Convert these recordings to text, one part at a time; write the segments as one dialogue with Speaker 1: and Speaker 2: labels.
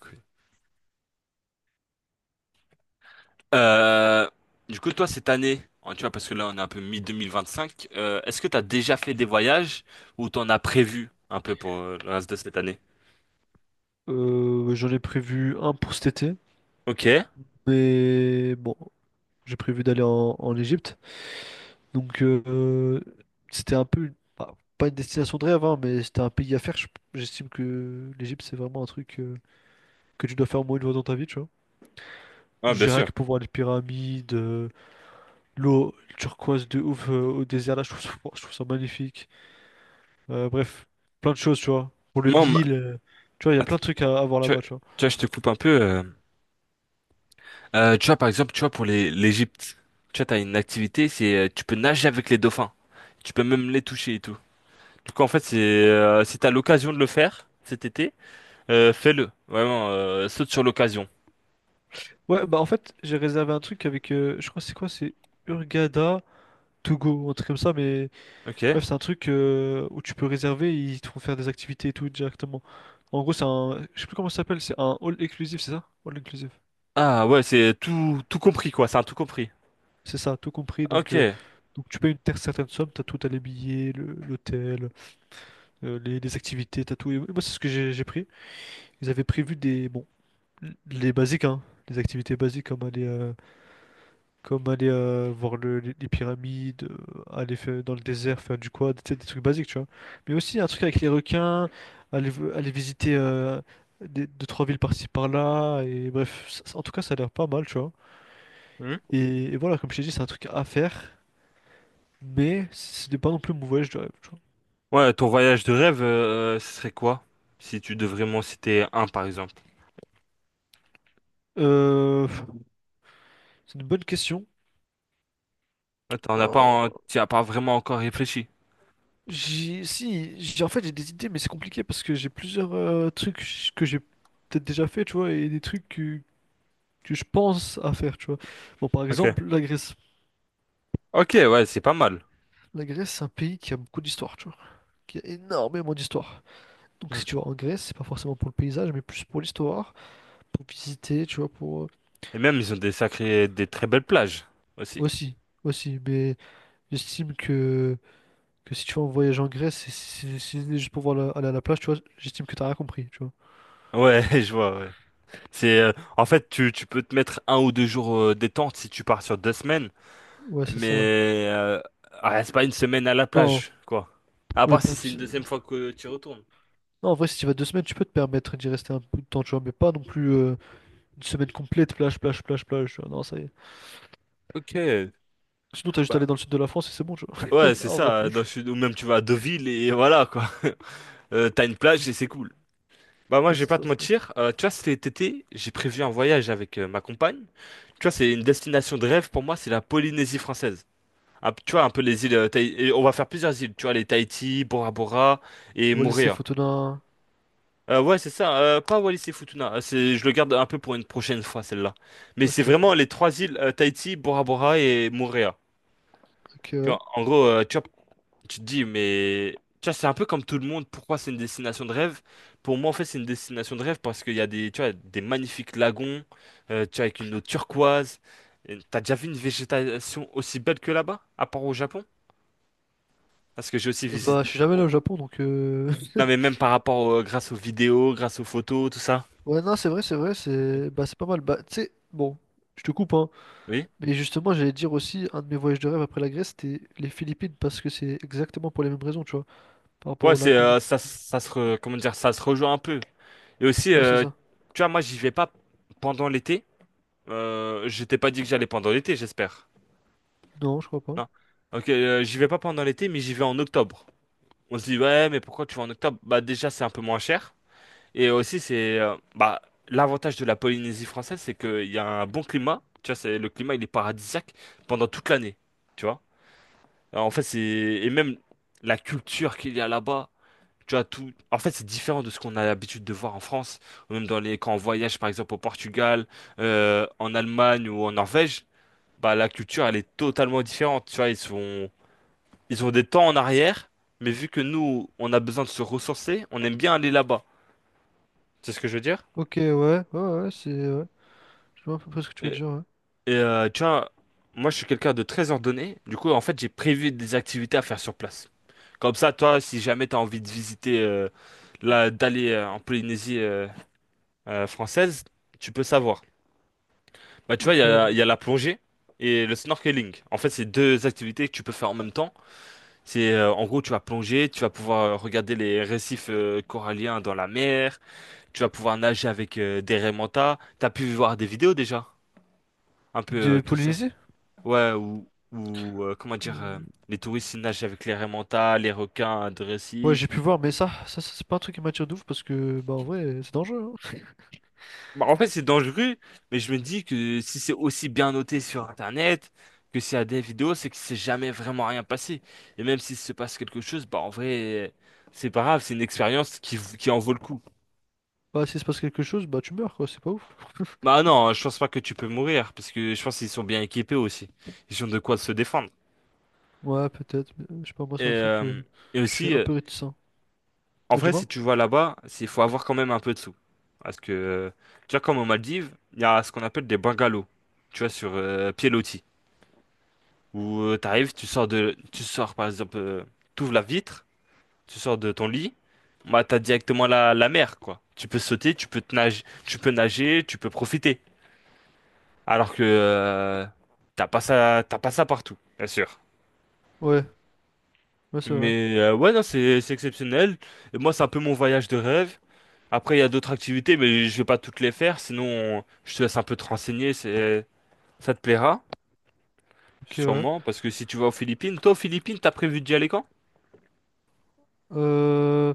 Speaker 1: Cool. Euh, du coup, toi, cette année, hein, tu vois, parce que là, on est un peu mi-2025, 2025, est-ce que tu as déjà fait des voyages ou t'en as prévu un peu pour le reste de cette année?
Speaker 2: J'en ai prévu un pour cet été,
Speaker 1: Ok.
Speaker 2: mais bon, j'ai prévu d'aller en Égypte. Donc euh, C'était un peu, bah, pas une destination de rêve, hein, mais c'était un pays à faire. J'estime que l'Égypte, c'est vraiment un truc que tu dois faire au moins une fois dans ta vie, tu vois.
Speaker 1: Ouais, bien
Speaker 2: J'ai rien
Speaker 1: sûr.
Speaker 2: que pour voir les pyramides, l'eau turquoise de ouf au désert, là, je trouve ça magnifique. Bref, plein de choses, tu vois. Pour le
Speaker 1: Moi, ma-
Speaker 2: Nil, tu vois, il y a plein
Speaker 1: Att-
Speaker 2: de trucs à voir
Speaker 1: tu
Speaker 2: là-bas,
Speaker 1: vois,
Speaker 2: tu vois.
Speaker 1: tu vois, je te coupe un peu. Tu vois, par exemple, tu vois, pour les l'Égypte, tu vois, t'as une activité, c'est tu peux nager avec les dauphins. Tu peux même les toucher et tout. Du coup, en fait, c'est si t'as l'occasion de le faire cet été, fais-le. Vraiment, saute sur l'occasion.
Speaker 2: Ouais, bah en fait, j'ai réservé un truc avec, je crois que c'est quoi, c'est Urgada to go, un truc comme ça, mais
Speaker 1: Ok.
Speaker 2: bref, c'est un truc où tu peux réserver, ils te font faire des activités et tout directement. En gros, c'est un, je sais plus comment ça s'appelle, c'est un all inclusive, c'est ça? All inclusive.
Speaker 1: Ah ouais, c'est tout, tout compris quoi, c'est un tout compris.
Speaker 2: C'est ça, tout compris, donc,
Speaker 1: Ok.
Speaker 2: euh, donc tu payes une certaine somme, t'as tout, t'as les billets, l'hôtel, les activités, t'as tout. Et moi, c'est ce que j'ai pris. Ils avaient prévu des, bon, les basiques, hein, les activités basiques comme aller voir les les pyramides, euh, dans le désert, faire du quad, tu sais, des trucs basiques, tu vois. Mais aussi un truc avec les requins, aller visiter deux, trois villes par-ci par-là, et bref, en tout cas, ça a l'air pas mal, tu vois.
Speaker 1: Hmm.
Speaker 2: Et voilà, comme je t'ai dit, c'est un truc à faire, mais ce n'est pas non plus mon voyage de rêve, tu vois.
Speaker 1: Ouais, ton voyage de rêve, ce serait quoi? Si tu devrais m'en citer un par exemple.
Speaker 2: Euh, c'est une bonne question.
Speaker 1: Ouais, t'en as pas,
Speaker 2: Euh,
Speaker 1: t'y as pas vraiment encore réfléchi.
Speaker 2: J'ai, si, j'ai, en fait, j'ai des idées, mais c'est compliqué parce que j'ai plusieurs trucs que j'ai peut-être déjà fait, tu vois, et des trucs que je pense à faire, tu vois. Bon, par
Speaker 1: Ok.
Speaker 2: exemple, la Grèce.
Speaker 1: Ok, ouais, c'est pas mal.
Speaker 2: La Grèce, c'est un pays qui a beaucoup d'histoire, tu vois. Qui a énormément d'histoire. Donc,
Speaker 1: Hmm.
Speaker 2: si tu vas en Grèce, c'est pas forcément pour le paysage, mais plus pour l'histoire, pour visiter, tu vois, pour...
Speaker 1: Et même ils ont des sacrés, des très belles plages aussi.
Speaker 2: Aussi, aussi. Mais j'estime que, que si tu vas en voyage en Grèce, si c'est juste pour voir aller à la plage, tu vois, j'estime que t'as rien compris, tu vois.
Speaker 1: Ouais, je vois. Ouais. C'est, en fait, tu peux te mettre 1 ou 2 jours détente si tu pars sur 2 semaines,
Speaker 2: Ouais, c'est ça.
Speaker 1: mais ah, reste pas une semaine à la
Speaker 2: Non,
Speaker 1: plage, quoi. À
Speaker 2: oui,
Speaker 1: part si
Speaker 2: pas une...
Speaker 1: c'est une
Speaker 2: se-
Speaker 1: deuxième fois que tu retournes.
Speaker 2: Non, en vrai, si tu vas deux semaines, tu peux te permettre d'y rester un peu de temps, tu vois, mais pas non plus, une semaine complète, plage, plage, plage, plage, tu vois. Non, ça y est.
Speaker 1: Ok.
Speaker 2: Sinon, t'as juste à
Speaker 1: Bah,
Speaker 2: aller dans le sud de la France et c'est bon, tu vois.
Speaker 1: ouais, c'est
Speaker 2: Ah ouais.
Speaker 1: ça, dans le sud, ou même tu vas à Deauville et voilà quoi. T'as une plage et c'est cool. Bah moi,
Speaker 2: Ouais,
Speaker 1: je vais
Speaker 2: c'est
Speaker 1: pas
Speaker 2: ça,
Speaker 1: te
Speaker 2: c'est ça.
Speaker 1: mentir, tu vois, cet été, j'ai prévu un voyage avec ma compagne. Tu vois, c'est une destination de rêve pour moi, c'est la Polynésie française. Un p- tu vois, un peu les îles, et on va faire plusieurs îles, tu vois, les Tahiti, Bora Bora et
Speaker 2: Wallis et
Speaker 1: Moorea.
Speaker 2: Futuna.
Speaker 1: Ouais, c'est ça, pas Wallis et Futuna, c'est, je le garde un peu pour une prochaine fois, celle-là. Mais c'est
Speaker 2: Ok, ok,
Speaker 1: vraiment les trois îles, Tahiti, Bora Bora et Moorea.
Speaker 2: ok,
Speaker 1: Tu vois,
Speaker 2: ouais.
Speaker 1: en gros, tu vois, tu te dis, mais tu vois, c'est un peu comme tout le monde. Pourquoi c'est une destination de rêve? Pour moi, en fait, c'est une destination de rêve parce qu'il y a des, tu vois, des magnifiques lagons, tu vois, avec une eau turquoise. Et t'as déjà vu une végétation aussi belle que là-bas, à part au Japon? Parce que j'ai aussi
Speaker 2: Bah,
Speaker 1: visité
Speaker 2: je
Speaker 1: le
Speaker 2: suis jamais allé
Speaker 1: Japon.
Speaker 2: au Japon, donc...
Speaker 1: Non, mais même par rapport, grâce aux vidéos, grâce aux photos, tout ça.
Speaker 2: Ouais, non, c'est vrai, c'est vrai, c'est...
Speaker 1: Ok.
Speaker 2: Bah, c'est pas mal. Bah, tu sais, bon, je te coupe, hein.
Speaker 1: Oui.
Speaker 2: Mais justement, j'allais dire aussi, un de mes voyages de rêve après la Grèce, c'était les Philippines, parce que c'est exactement pour les mêmes raisons, tu vois, par rapport
Speaker 1: Ouais,
Speaker 2: au
Speaker 1: c'est,
Speaker 2: lagon.
Speaker 1: comment dire, ça se rejoint un peu. Et aussi,
Speaker 2: Ouais, c'est ça.
Speaker 1: tu vois, moi, j'y vais pas pendant l'été. Je t'ai pas dit que j'allais pendant l'été, j'espère.
Speaker 2: Non, je crois pas.
Speaker 1: Non. Ok, j'y vais pas pendant l'été, mais j'y vais en octobre. On se dit, ouais, mais pourquoi tu vas en octobre? Bah déjà, c'est un peu moins cher. Et aussi, bah, l'avantage de la Polynésie française, c'est qu'il y a un bon climat. Tu vois, le climat, il est paradisiaque pendant toute l'année. Tu vois? Alors, en fait, et même la culture qu'il y a là-bas. Tu vois, en fait, c'est différent de ce qu'on a l'habitude de voir en France. Ou même quand on voyage, par exemple, au Portugal, en Allemagne ou en Norvège. Bah, la culture, elle est totalement différente. Tu vois, ils ont des temps en arrière, mais vu que nous, on a besoin de se ressourcer, on aime bien aller là-bas. C'est ce que je veux dire?
Speaker 2: Ok, ouais, ouais, ouais, c'est... Ouais. Je vois à peu près ce que tu veux
Speaker 1: Et,
Speaker 2: dire, ouais.
Speaker 1: et, tu vois, moi, je suis quelqu'un de très ordonné. Du coup, en fait, j'ai prévu des activités à faire sur place. Comme ça, toi, si jamais t'as envie de visiter, là, d'aller en Polynésie française, tu peux savoir. Bah, tu vois,
Speaker 2: Ok, ouais.
Speaker 1: il y a la plongée et le snorkeling. En fait, c'est deux activités que tu peux faire en même temps. C'est, en gros, tu vas plonger, tu vas pouvoir regarder les récifs coralliens dans la mer. Tu vas pouvoir nager avec des raimentas. T'as pu voir des vidéos déjà? Un peu
Speaker 2: De
Speaker 1: tout ça.
Speaker 2: Polynésie?
Speaker 1: Ouais, ou comment dire,
Speaker 2: Ou-
Speaker 1: les touristes ils nagent avec les raimentas, les requins de
Speaker 2: Ouais,
Speaker 1: récif.
Speaker 2: j'ai pu voir, mais ça, c'est pas un truc qui m'attire de ouf parce que, bah, en vrai, c'est dangereux. Hein.
Speaker 1: Bah, en fait, c'est dangereux, mais je me dis que si c'est aussi bien noté sur Internet, que s'il y a des vidéos, c'est que c'est jamais vraiment rien passé. Et même s'il se passe quelque chose, bah en vrai, c'est pas grave, c'est une expérience qui en vaut le coup.
Speaker 2: Bah, s'il se passe quelque chose, bah, tu meurs, quoi, c'est pas ouf.
Speaker 1: Bah non, je pense pas que tu peux mourir, parce que je pense qu'ils sont bien équipés aussi. Ils ont de quoi se défendre.
Speaker 2: Ouais, peut-être, mais, je sais pas, moi,
Speaker 1: Et,
Speaker 2: c'est un truc,
Speaker 1: euh, et
Speaker 2: je suis
Speaker 1: aussi,
Speaker 2: un peu réticent.
Speaker 1: en
Speaker 2: Ah,
Speaker 1: vrai, si
Speaker 2: dis-moi?
Speaker 1: tu vas là-bas, il faut avoir quand même un peu de sous. Parce que, tu vois, comme aux Maldives, il y a ce qu'on appelle des bungalows, tu vois, sur pied loti. Où t'arrives, tu sors par exemple, t'ouvres la vitre, tu sors de ton lit, bah t'as directement la mer, quoi. Tu peux sauter, tu peux nager, tu peux profiter. Alors que t'as pas ça partout, bien sûr.
Speaker 2: Ouais, ouais, c'est vrai.
Speaker 1: Mais ouais, non, c'est exceptionnel. Et moi, c'est un peu mon voyage de rêve. Après, il y a d'autres activités, mais je vais pas toutes les faire, sinon je te laisse un peu te renseigner, ça te plaira,
Speaker 2: Ok, ouais.
Speaker 1: sûrement, parce que si tu vas aux Philippines, toi aux Philippines, t'as prévu d'y aller quand?
Speaker 2: Euh,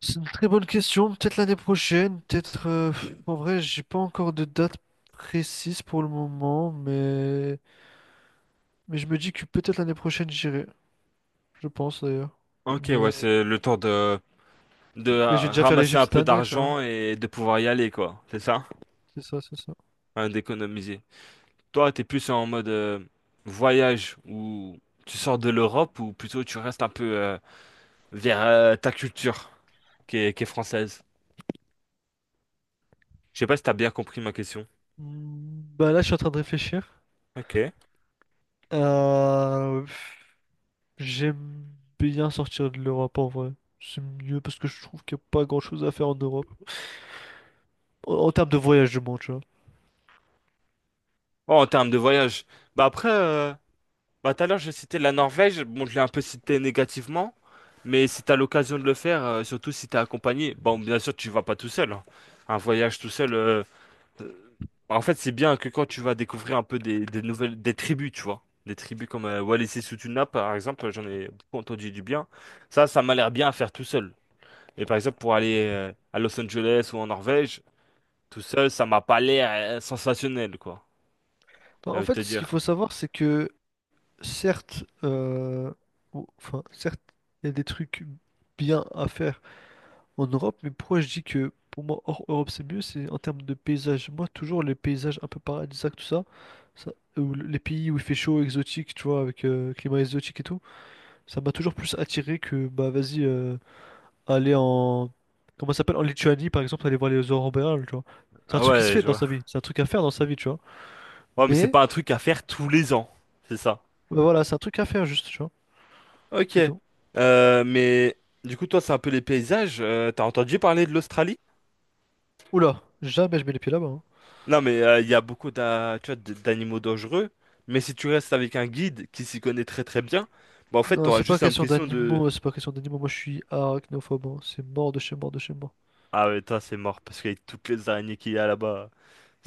Speaker 2: c'est une très bonne question, peut-être l'année prochaine, peut-être. En vrai, j'ai pas encore de date précise pour le moment, mais je me dis que peut-être l'année prochaine, j'irai. Je pense, d'ailleurs.
Speaker 1: Ok, ouais,
Speaker 2: Mais,
Speaker 1: c'est le temps de
Speaker 2: là, j'ai déjà fait
Speaker 1: ramasser
Speaker 2: l'Égypte
Speaker 1: un
Speaker 2: cette
Speaker 1: peu
Speaker 2: année, tu vois.
Speaker 1: d'argent et de pouvoir y aller, quoi, c'est ça?
Speaker 2: C'est ça, c'est ça.
Speaker 1: Hein, d'économiser. Toi, t'es plus en mode voyage, où tu sors de l'Europe, ou plutôt tu restes un peu vers ta culture, qui est française. Je sais pas si t'as bien compris ma question.
Speaker 2: Hmm, bah là, je suis en train de réfléchir.
Speaker 1: Ok.
Speaker 2: Euh, J'aime bien sortir de l'Europe en vrai. C'est mieux parce que je trouve qu'il n'y a pas grand-chose à faire en Europe. En termes de voyage, je monde tu vois.
Speaker 1: Oh, en termes de voyage. Bah après... euh, Bah, tout à l'heure, je citais la Norvège. Bon, je l'ai un peu cité négativement. Mais si t'as l'occasion de le faire, surtout si t'es accompagné, bon, bien sûr, tu vas pas tout seul, hein. Un voyage tout seul, euh, en fait, c'est bien que quand tu vas découvrir un peu des nouvelles, des tribus, tu vois. Des tribus comme Wallis et Futuna, par exemple, j'en ai beaucoup entendu du bien. Ça m'a l'air bien à faire tout seul. Et par exemple, pour aller à Los Angeles ou en Norvège, tout seul, ça m'a pas l'air sensationnel, quoi.
Speaker 2: Bah,
Speaker 1: J'ai
Speaker 2: en
Speaker 1: envie de te
Speaker 2: fait, ce qu'il
Speaker 1: dire.
Speaker 2: faut savoir, c'est que certes, euh, certes, il y a des trucs bien à faire en Europe, mais pourquoi je dis que pour moi, hors Europe, c'est mieux, c'est en termes de paysages. Moi, toujours les paysages un peu paradisiaques, tout ça, ou les pays où il fait chaud, exotique, tu vois, avec climat exotique et tout. Ça m'a toujours plus attiré que, bah vas-y, aller en... Comment ça s'appelle? En Lituanie, par exemple, aller voir les aurores boréales, tu vois. C'est un
Speaker 1: Ah
Speaker 2: truc qui se
Speaker 1: ouais,
Speaker 2: fait
Speaker 1: je
Speaker 2: dans
Speaker 1: vois.
Speaker 2: sa vie, c'est un truc à faire dans sa vie, tu vois.
Speaker 1: Ouais, mais c'est
Speaker 2: Mais,
Speaker 1: pas un truc à faire tous les ans. C'est ça.
Speaker 2: bah voilà, c'est un truc à faire juste, tu vois.
Speaker 1: Ok.
Speaker 2: C'est tout.
Speaker 1: Mais du coup, toi, c'est un peu les paysages. T'as entendu parler de l'Australie?
Speaker 2: Oula, jamais je mets les pieds là-bas. Hein.
Speaker 1: Non, mais il y a beaucoup tu vois, d'animaux dangereux. Mais si tu restes avec un guide qui s'y connaît très très bien, bah en fait,
Speaker 2: Non,
Speaker 1: t'auras
Speaker 2: c'est pas
Speaker 1: juste
Speaker 2: question
Speaker 1: l'impression.
Speaker 2: d'animaux, c'est pas question d'animaux. Moi, je suis arachnophobe, hein. C'est mort de chez mort de chez mort.
Speaker 1: Ah ouais, toi, c'est mort, parce qu'avec toutes les araignées qu'il y a là-bas,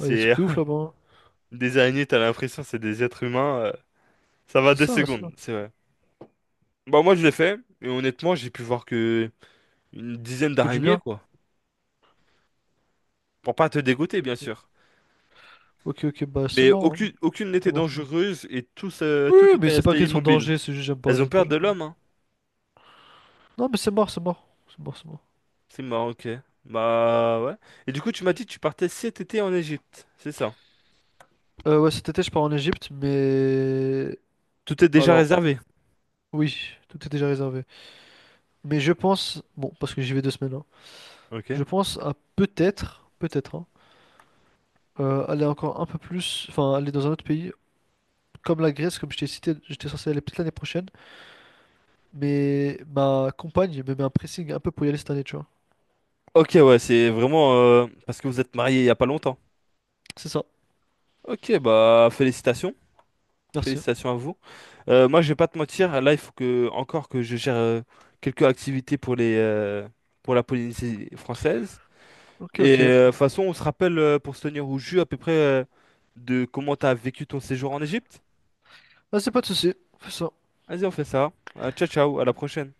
Speaker 2: Ouais, y a des trucs de ouf là-bas. Hein.
Speaker 1: Des araignées, t'as l'impression c'est des êtres humains. Ça va
Speaker 2: C'est
Speaker 1: deux
Speaker 2: ça, c'est ça.
Speaker 1: secondes, c'est vrai. Bah moi, je l'ai fait, et honnêtement, j'ai pu voir que une dizaine
Speaker 2: Que du
Speaker 1: d'araignées,
Speaker 2: bien.
Speaker 1: quoi. Pour pas te dégoûter, bien sûr.
Speaker 2: Ok, ok, bah c'est
Speaker 1: Mais
Speaker 2: mort, hein.
Speaker 1: aucune, aucune
Speaker 2: C'est
Speaker 1: n'était
Speaker 2: mort, c'est mort.
Speaker 1: dangereuse et tout
Speaker 2: Oui, mais
Speaker 1: était
Speaker 2: c'est pas
Speaker 1: resté
Speaker 2: question de
Speaker 1: immobile.
Speaker 2: danger, c'est juste j'aime pas,
Speaker 1: Elles ont
Speaker 2: j'aime pas,
Speaker 1: peur
Speaker 2: j'aime
Speaker 1: de
Speaker 2: pas.
Speaker 1: l'homme, hein.
Speaker 2: Non, mais c'est mort, c'est mort. C'est mort, c'est mort.
Speaker 1: C'est marrant, ok. Bah ouais. Et du coup, tu m'as dit que tu partais cet été en Égypte, c'est ça?
Speaker 2: Ouais, cet été, je pars en Égypte, mais...
Speaker 1: Tout est déjà
Speaker 2: Alors,
Speaker 1: réservé.
Speaker 2: oui, tout est déjà réservé. Mais je pense, bon, parce que j'y vais deux semaines, hein,
Speaker 1: Ok.
Speaker 2: je pense à peut-être, hein, aller encore un peu plus, enfin, aller dans un autre pays, comme la Grèce, comme je t'ai cité, j'étais censé aller peut-être l'année prochaine, mais ma compagne me met un pressing un peu pour y aller cette année, tu vois.
Speaker 1: Ok, ouais, c'est vraiment parce que vous êtes mariés il y a pas longtemps.
Speaker 2: C'est ça,
Speaker 1: Ok, bah félicitations,
Speaker 2: merci.
Speaker 1: félicitations à vous. Moi, je vais pas te mentir, là, il faut que encore que je gère quelques activités pour les pour la Polynésie française.
Speaker 2: Ok,
Speaker 1: Et
Speaker 2: ok.
Speaker 1: de toute façon, on se rappelle pour se tenir au jus à peu près de comment tu as vécu ton séjour en Égypte.
Speaker 2: Ah, c'est pas de souci, fais ça.
Speaker 1: Vas-y, on fait ça. Ciao, ciao, à la prochaine.